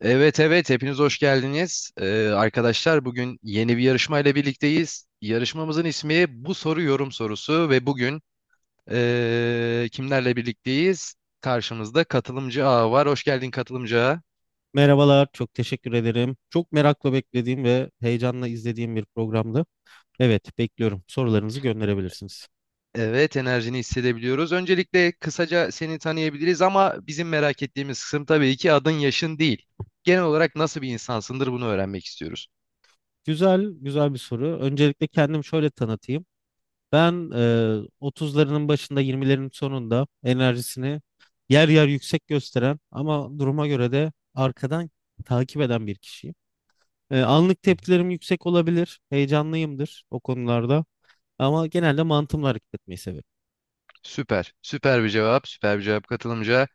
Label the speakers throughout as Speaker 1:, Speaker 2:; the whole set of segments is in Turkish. Speaker 1: Evet evet hepiniz hoş geldiniz. Arkadaşlar bugün yeni bir yarışmayla birlikteyiz. Yarışmamızın ismi Bu Soru Yorum Sorusu ve bugün kimlerle birlikteyiz? Karşımızda katılımcı A var. Hoş geldin katılımcı Ağa.
Speaker 2: Merhabalar, çok teşekkür ederim. Çok merakla beklediğim ve heyecanla izlediğim bir programdı. Evet, bekliyorum. Sorularınızı gönderebilirsiniz.
Speaker 1: Evet enerjini hissedebiliyoruz. Öncelikle kısaca seni tanıyabiliriz ama bizim merak ettiğimiz kısım tabii ki adın yaşın değil. Genel olarak nasıl bir insansındır bunu öğrenmek istiyoruz.
Speaker 2: Güzel, güzel bir soru. Öncelikle kendimi şöyle tanıtayım. Ben 30'larının başında, 20'lerin sonunda enerjisini yer yer yüksek gösteren ama duruma göre de arkadan takip eden bir kişiyim. Anlık tepkilerim yüksek olabilir, heyecanlıyımdır o konularda ama genelde mantığımla hareket etmeyi severim.
Speaker 1: Süper. Süper bir cevap. Süper bir cevap katılımcı.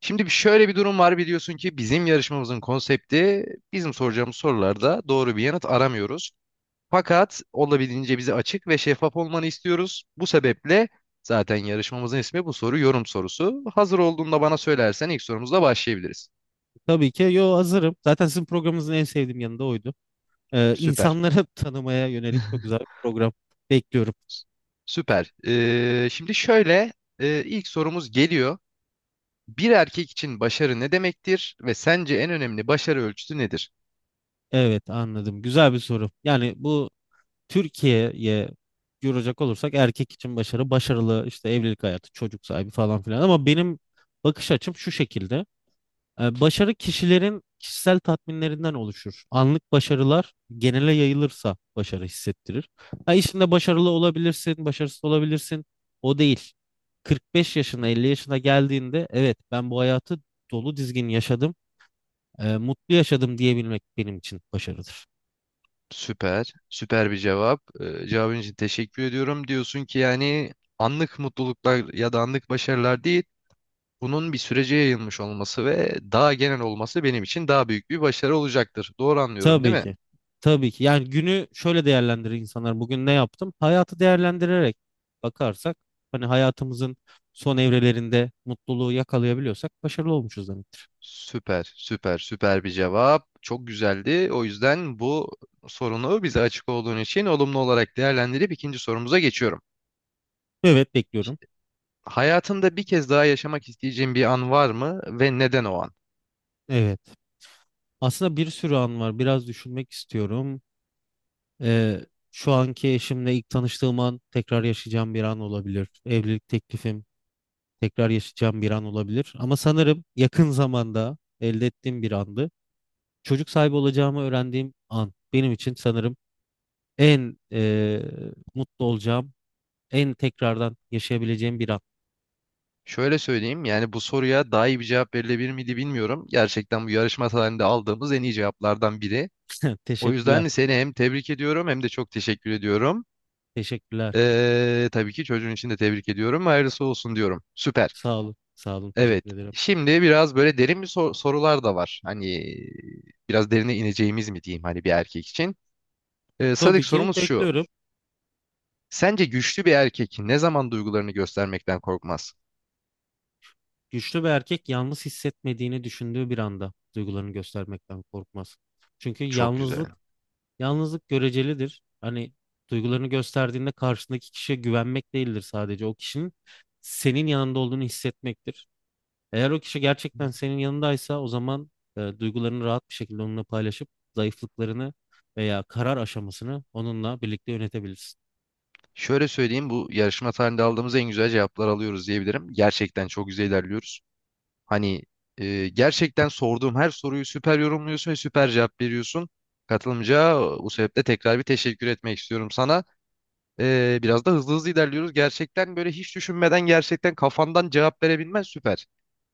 Speaker 1: Şimdi şöyle bir durum var biliyorsun ki bizim yarışmamızın konsepti bizim soracağımız sorularda doğru bir yanıt aramıyoruz. Fakat olabildiğince bize açık ve şeffaf olmanı istiyoruz. Bu sebeple zaten yarışmamızın ismi bu soru yorum sorusu. Hazır olduğunda bana söylersen ilk sorumuzla başlayabiliriz.
Speaker 2: Tabii ki yo hazırım. Zaten sizin programınızın en sevdiğim yanı da oydu.
Speaker 1: Süper.
Speaker 2: İnsanları tanımaya yönelik çok güzel bir program bekliyorum.
Speaker 1: S- Süper. Şimdi şöyle ilk sorumuz geliyor. Bir erkek için başarı ne demektir ve sence en önemli başarı ölçütü nedir?
Speaker 2: Evet, anladım. Güzel bir soru. Yani bu Türkiye'ye yoracak olursak erkek için başarı, başarılı işte evlilik hayatı, çocuk sahibi falan filan. Ama benim bakış açım şu şekilde. Başarı kişilerin kişisel tatminlerinden oluşur. Anlık başarılar genele yayılırsa başarı hissettirir. Ha, işinde başarılı olabilirsin, başarısız olabilirsin. O değil. 45 yaşına, 50 yaşına geldiğinde evet ben bu hayatı dolu dizgin yaşadım, mutlu yaşadım diyebilmek benim için başarıdır.
Speaker 1: Süper. Süper bir cevap. Cevabın için teşekkür ediyorum. Diyorsun ki yani anlık mutluluklar ya da anlık başarılar değil, bunun bir sürece yayılmış olması ve daha genel olması benim için daha büyük bir başarı olacaktır. Doğru anlıyorum, değil
Speaker 2: Tabii
Speaker 1: mi?
Speaker 2: ki. Tabii ki. Yani günü şöyle değerlendirir insanlar. Bugün ne yaptım? Hayatı değerlendirerek bakarsak hani hayatımızın son evrelerinde mutluluğu yakalayabiliyorsak başarılı olmuşuz demek.
Speaker 1: Süper, süper, süper bir cevap. Çok güzeldi. O yüzden bu sorunu bize açık olduğun için olumlu olarak değerlendirip ikinci sorumuza geçiyorum.
Speaker 2: Evet, bekliyorum.
Speaker 1: Hayatında bir kez daha yaşamak isteyeceğin bir an var mı ve neden o an?
Speaker 2: Evet. Aslında bir sürü an var. Biraz düşünmek istiyorum. Ee, Şu anki eşimle ilk tanıştığım an tekrar yaşayacağım bir an olabilir. Evlilik teklifim tekrar yaşayacağım bir an olabilir. Ama sanırım yakın zamanda elde ettiğim bir andı. Çocuk sahibi olacağımı öğrendiğim an benim için sanırım en mutlu olacağım, en tekrardan yaşayabileceğim bir an.
Speaker 1: Şöyle söyleyeyim yani bu soruya daha iyi bir cevap verilebilir miydi bilmiyorum. Gerçekten bu yarışma tarihinde aldığımız en iyi cevaplardan biri. O
Speaker 2: Teşekkürler,
Speaker 1: yüzden seni hem tebrik ediyorum hem de çok teşekkür ediyorum.
Speaker 2: teşekkürler.
Speaker 1: Tabii ki çocuğun için de tebrik ediyorum. Hayırlısı olsun diyorum. Süper.
Speaker 2: Sağ olun, sağ olun.
Speaker 1: Evet.
Speaker 2: Teşekkür ederim.
Speaker 1: Şimdi biraz böyle derin bir sorular da var. Hani biraz derine ineceğimiz mi diyeyim hani bir erkek için. Sadık
Speaker 2: Tabii ki,
Speaker 1: sorumuz şu.
Speaker 2: bekliyorum.
Speaker 1: Sence güçlü bir erkek ne zaman duygularını göstermekten korkmaz?
Speaker 2: Güçlü bir erkek yalnız hissetmediğini düşündüğü bir anda duygularını göstermekten korkmaz. Çünkü
Speaker 1: Çok güzel.
Speaker 2: yalnızlık, yalnızlık görecelidir. Hani duygularını gösterdiğinde karşısındaki kişiye güvenmek değildir sadece. O kişinin senin yanında olduğunu hissetmektir. Eğer o kişi gerçekten senin yanındaysa o zaman duygularını rahat bir şekilde onunla paylaşıp zayıflıklarını veya karar aşamasını onunla birlikte yönetebilirsin.
Speaker 1: Şöyle söyleyeyim bu yarışma tarihinde aldığımız en güzel cevaplar alıyoruz diyebilirim. Gerçekten çok güzel ilerliyoruz. Hani gerçekten sorduğum her soruyu süper yorumluyorsun ve süper cevap veriyorsun. Katılımcıya bu sebeple tekrar bir teşekkür etmek istiyorum sana. Biraz da hızlı hızlı ilerliyoruz. Gerçekten böyle hiç düşünmeden gerçekten kafandan cevap verebilmen süper.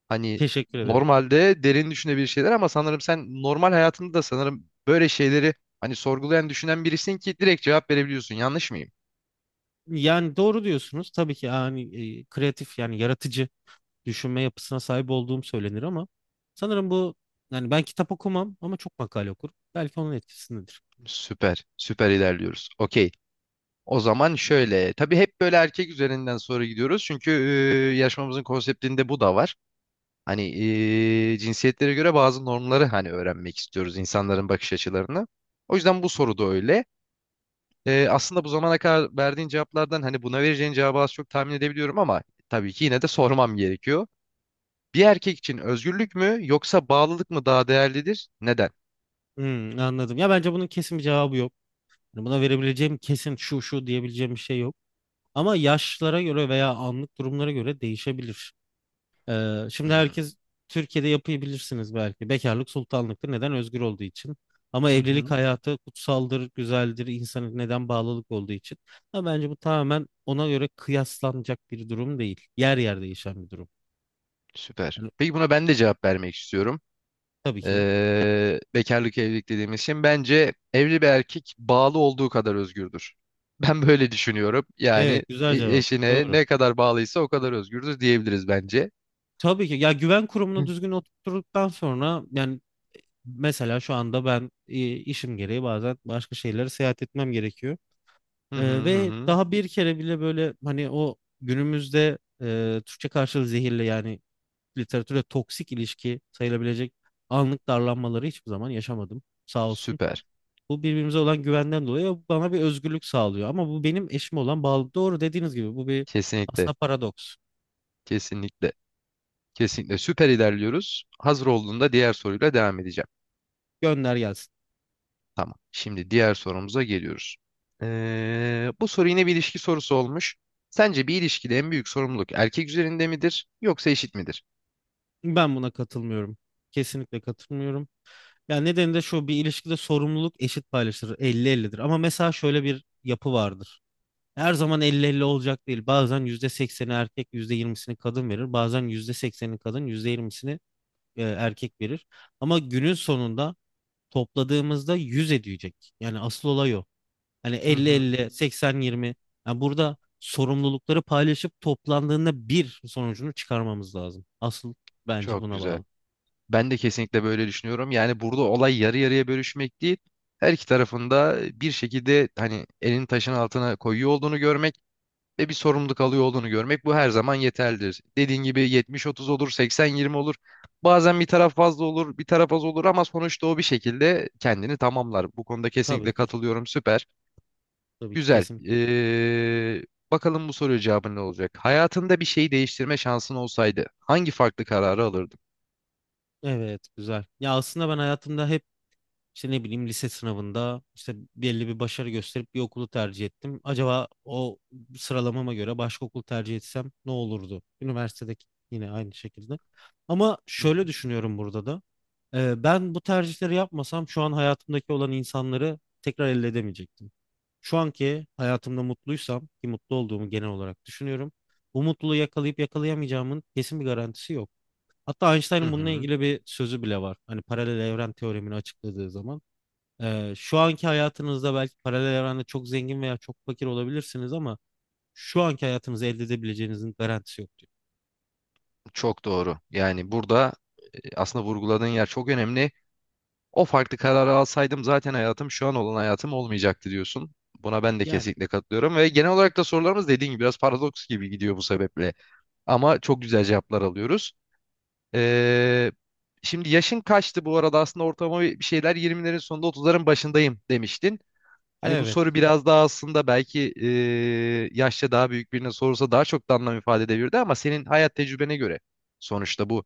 Speaker 1: Hani
Speaker 2: Teşekkür ederim.
Speaker 1: normalde derin düşünebilir şeyler ama sanırım sen normal hayatında da sanırım böyle şeyleri hani sorgulayan düşünen birisin ki direkt cevap verebiliyorsun. Yanlış mıyım?
Speaker 2: Yani doğru diyorsunuz. Tabii ki yani kreatif yani yaratıcı düşünme yapısına sahip olduğum söylenir ama sanırım bu yani ben kitap okumam ama çok makale okurum. Belki onun etkisindedir.
Speaker 1: Süper. Süper ilerliyoruz. Okey. O zaman şöyle. Tabii hep böyle erkek üzerinden soru gidiyoruz. Çünkü yarışmamızın konseptinde bu da var. Hani cinsiyetlere göre bazı normları hani öğrenmek istiyoruz. İnsanların bakış açılarını. O yüzden bu soru da öyle. Aslında bu zamana kadar verdiğin cevaplardan hani buna vereceğin cevabı az çok tahmin edebiliyorum ama tabii ki yine de sormam gerekiyor. Bir erkek için özgürlük mü yoksa bağlılık mı daha değerlidir? Neden?
Speaker 2: Hmm, anladım. Ya bence bunun kesin bir cevabı yok. Yani buna verebileceğim kesin şu şu diyebileceğim bir şey yok. Ama yaşlara göre veya anlık durumlara göre değişebilir. Şimdi
Speaker 1: Hmm.
Speaker 2: herkes Türkiye'de yapıyı bilirsiniz belki. Bekarlık sultanlıktır. Neden? Özgür olduğu için. Ama
Speaker 1: Hı
Speaker 2: evlilik
Speaker 1: hı.
Speaker 2: hayatı kutsaldır, güzeldir. İnsanın neden bağlılık olduğu için. Ama bence bu tamamen ona göre kıyaslanacak bir durum değil. Yer yer değişen bir durum.
Speaker 1: Süper.
Speaker 2: Yani,
Speaker 1: Peki buna ben de cevap vermek istiyorum.
Speaker 2: tabii ki.
Speaker 1: Bekarlık evlilik dediğimiz için bence evli bir erkek bağlı olduğu kadar özgürdür. Ben böyle düşünüyorum. Yani
Speaker 2: Evet, güzel cevap.
Speaker 1: eşine
Speaker 2: Doğru.
Speaker 1: ne kadar bağlıysa o kadar özgürdür diyebiliriz bence.
Speaker 2: Tabii ki. Ya güven kurumunu
Speaker 1: Hı
Speaker 2: düzgün oturttuktan sonra yani mesela şu anda ben işim gereği bazen başka şeylere seyahat etmem gerekiyor.
Speaker 1: hı hı.
Speaker 2: Ve
Speaker 1: Hı.
Speaker 2: daha bir kere bile böyle hani o günümüzde Türkçe karşılığı zehirli yani literatüre toksik ilişki sayılabilecek anlık darlanmaları hiçbir zaman yaşamadım, sağ olsun.
Speaker 1: Süper.
Speaker 2: Bu birbirimize olan güvenden dolayı bana bir özgürlük sağlıyor. Ama bu benim eşime olan bağlı. Doğru dediğiniz gibi bu bir
Speaker 1: Kesinlikle.
Speaker 2: aslında paradoks.
Speaker 1: Kesinlikle. Kesinlikle. Süper ilerliyoruz. Hazır olduğunda diğer soruyla devam edeceğim.
Speaker 2: Gönder gelsin.
Speaker 1: Tamam. Şimdi diğer sorumuza geliyoruz. Bu soru yine bir ilişki sorusu olmuş. Sence bir ilişkide en büyük sorumluluk erkek üzerinde midir yoksa eşit midir?
Speaker 2: Ben buna katılmıyorum. Kesinlikle katılmıyorum. Yani nedeni de şu: bir ilişkide sorumluluk eşit paylaşılır. 50-50'dir. Ama mesela şöyle bir yapı vardır. Her zaman elli elli olacak değil. Bazen %80'i erkek, yüzde yirmisini kadın verir. Bazen %80'i kadın, %20'sini erkek verir. Ama günün sonunda topladığımızda 100 edecek. Yani asıl olay o. Hani
Speaker 1: Hı
Speaker 2: elli
Speaker 1: hı.
Speaker 2: elli, seksen yirmi. Yani burada sorumlulukları paylaşıp toplandığında bir sonucunu çıkarmamız lazım. Asıl bence
Speaker 1: Çok
Speaker 2: buna
Speaker 1: güzel.
Speaker 2: bağlı.
Speaker 1: Ben de kesinlikle böyle düşünüyorum. Yani burada olay yarı yarıya bölüşmek değil. Her iki tarafında bir şekilde hani elini taşın altına koyuyor olduğunu görmek ve bir sorumluluk alıyor olduğunu görmek bu her zaman yeterlidir. Dediğin gibi 70-30 olur, 80-20 olur. Bazen bir taraf fazla olur, bir taraf az olur ama sonuçta o bir şekilde kendini tamamlar. Bu konuda kesinlikle
Speaker 2: Tabii ki.
Speaker 1: katılıyorum. Süper.
Speaker 2: Tabii ki
Speaker 1: Güzel.
Speaker 2: kesinlikle.
Speaker 1: Bakalım bu soruya cevabın ne olacak? Hayatında bir şeyi değiştirme şansın olsaydı hangi farklı kararı alırdın?
Speaker 2: Evet, güzel. Ya aslında ben hayatımda hep İşte ne bileyim lise sınavında işte belli bir başarı gösterip bir okulu tercih ettim. Acaba o sıralamama göre başka okul tercih etsem ne olurdu? Üniversitedeki yine aynı şekilde. Ama
Speaker 1: Hı
Speaker 2: şöyle
Speaker 1: hı.
Speaker 2: düşünüyorum burada da. Ben bu tercihleri yapmasam şu an hayatımdaki olan insanları tekrar elde edemeyecektim. Şu anki hayatımda mutluysam ki mutlu olduğumu genel olarak düşünüyorum. Bu mutluluğu yakalayıp yakalayamayacağımın kesin bir garantisi yok. Hatta
Speaker 1: Hı
Speaker 2: Einstein'ın bununla
Speaker 1: hı.
Speaker 2: ilgili bir sözü bile var. Hani paralel evren teoremini açıkladığı zaman. Şu anki hayatınızda belki paralel evrende çok zengin veya çok fakir olabilirsiniz ama şu anki hayatınızı elde edebileceğinizin garantisi yok diyor.
Speaker 1: Çok doğru. Yani burada aslında vurguladığın yer çok önemli. O farklı kararı alsaydım zaten hayatım şu an olan hayatım olmayacaktı diyorsun. Buna ben de
Speaker 2: Yani
Speaker 1: kesinlikle katılıyorum ve genel olarak da sorularımız dediğin gibi biraz paradoks gibi gidiyor bu sebeple. Ama çok güzel cevaplar alıyoruz. Ee, Şimdi yaşın kaçtı bu arada aslında ortalama bir şeyler 20'lerin sonunda 30'ların başındayım demiştin. Hani bu
Speaker 2: evet,
Speaker 1: soru biraz daha aslında belki yaşça daha büyük birine sorulsa daha çok da anlam ifade edebilirdi ama senin hayat tecrübene göre sonuçta bu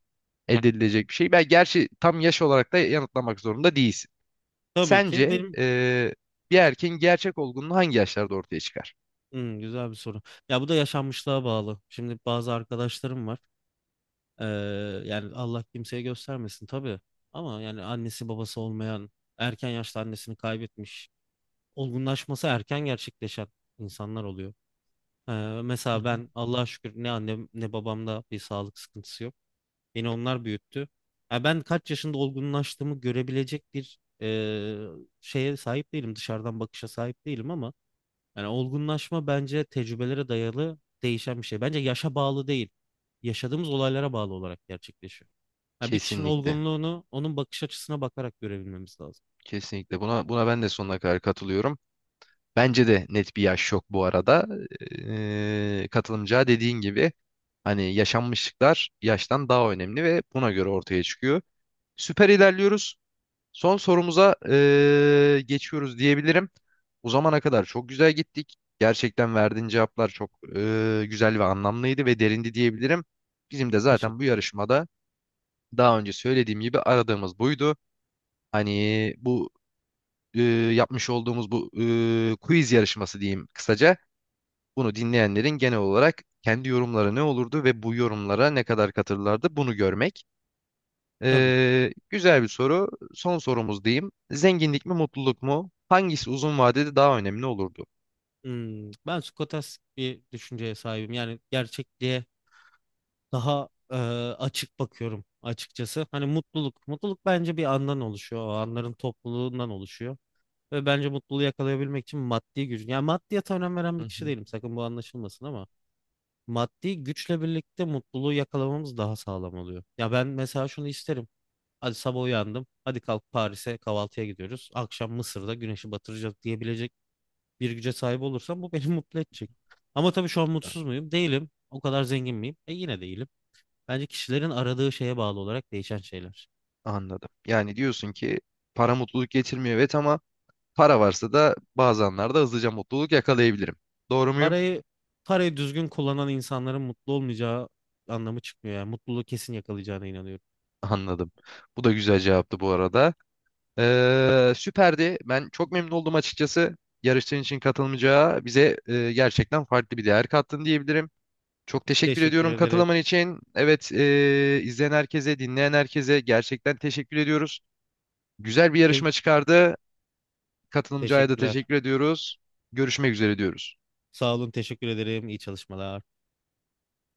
Speaker 1: elde edilecek bir şey. Ben gerçi tam yaş olarak da yanıtlamak zorunda değilsin.
Speaker 2: tabii ki
Speaker 1: Sence
Speaker 2: benim.
Speaker 1: bir erkeğin gerçek olgunluğu hangi yaşlarda ortaya çıkar?
Speaker 2: Hmm, güzel bir soru. Ya bu da yaşanmışlığa bağlı. Şimdi bazı arkadaşlarım var. Ee, Yani Allah kimseye göstermesin tabii. Ama yani annesi babası olmayan, erken yaşta annesini kaybetmiş, olgunlaşması erken gerçekleşen insanlar oluyor. Ee,
Speaker 1: Hı
Speaker 2: Mesela
Speaker 1: hı.
Speaker 2: ben Allah'a şükür ne annem ne babamda bir sağlık sıkıntısı yok. Beni onlar büyüttü. Ha, ben kaç yaşında olgunlaştığımı görebilecek bir şeye sahip değilim. Dışarıdan bakışa sahip değilim ama yani olgunlaşma bence tecrübelere dayalı değişen bir şey. Bence yaşa bağlı değil. Yaşadığımız olaylara bağlı olarak gerçekleşiyor. Ha, bir kişinin
Speaker 1: Kesinlikle.
Speaker 2: olgunluğunu onun bakış açısına bakarak görebilmemiz lazım.
Speaker 1: Kesinlikle. Buna ben de sonuna kadar katılıyorum. Bence de net bir yaş yok bu arada. Katılımcıya dediğin gibi hani yaşanmışlıklar yaştan daha önemli ve buna göre ortaya çıkıyor. Süper ilerliyoruz. Son sorumuza geçiyoruz diyebilirim. O zamana kadar çok güzel gittik. Gerçekten verdiğin cevaplar çok güzel ve anlamlıydı ve derindi diyebilirim. Bizim de zaten bu
Speaker 2: Teşekkür.
Speaker 1: yarışmada daha önce söylediğim gibi aradığımız buydu. Hani bu e, yapmış olduğumuz bu quiz yarışması diyeyim kısaca. Bunu dinleyenlerin genel olarak kendi yorumları ne olurdu ve bu yorumlara ne kadar katırlardı bunu görmek.
Speaker 2: Tabii ki.
Speaker 1: Güzel bir soru. Son sorumuz diyeyim. Zenginlik mi mutluluk mu? Hangisi uzun vadede daha önemli olurdu?
Speaker 2: Hmm, ben Skotastik bir düşünceye sahibim. Yani gerçekliğe daha açık bakıyorum açıkçası. Hani mutluluk, mutluluk bence bir andan oluşuyor. O anların topluluğundan oluşuyor. Ve bence mutluluğu yakalayabilmek için maddi güç. Yani maddiyata önem veren
Speaker 1: Hı
Speaker 2: bir kişi
Speaker 1: hı.
Speaker 2: değilim. Sakın bu anlaşılmasın ama maddi güçle birlikte mutluluğu yakalamamız daha sağlam oluyor. Ya ben mesela şunu isterim. Hadi sabah uyandım. Hadi kalk Paris'e kahvaltıya gidiyoruz. Akşam Mısır'da güneşi batıracak diyebilecek bir güce sahip olursam bu beni mutlu edecek. Ama tabii şu an mutsuz muyum? Değilim. O kadar zengin miyim? E yine değilim. Bence kişilerin aradığı şeye bağlı olarak değişen şeyler.
Speaker 1: Anladım. Yani diyorsun ki para mutluluk getirmiyor evet ama para varsa da bazı anlarda hızlıca mutluluk yakalayabilirim. Doğru muyum?
Speaker 2: Parayı parayı düzgün kullanan insanların mutlu olmayacağı anlamı çıkmıyor. Yani mutluluğu kesin yakalayacağına inanıyorum.
Speaker 1: Anladım. Bu da güzel cevaptı bu arada. Süperdi. Ben çok memnun oldum açıkçası. Yarıştığın için katılmayacağı bize gerçekten farklı bir değer kattın diyebilirim. Çok teşekkür
Speaker 2: Teşekkür
Speaker 1: ediyorum
Speaker 2: ederim.
Speaker 1: katılaman için. Evet, izleyen herkese, dinleyen herkese gerçekten teşekkür ediyoruz. Güzel bir
Speaker 2: Te-
Speaker 1: yarışma çıkardı. Katılımcıya da
Speaker 2: Teşekkürler.
Speaker 1: teşekkür ediyoruz. Görüşmek üzere diyoruz.
Speaker 2: Sağ olun, teşekkür ederim. İyi çalışmalar.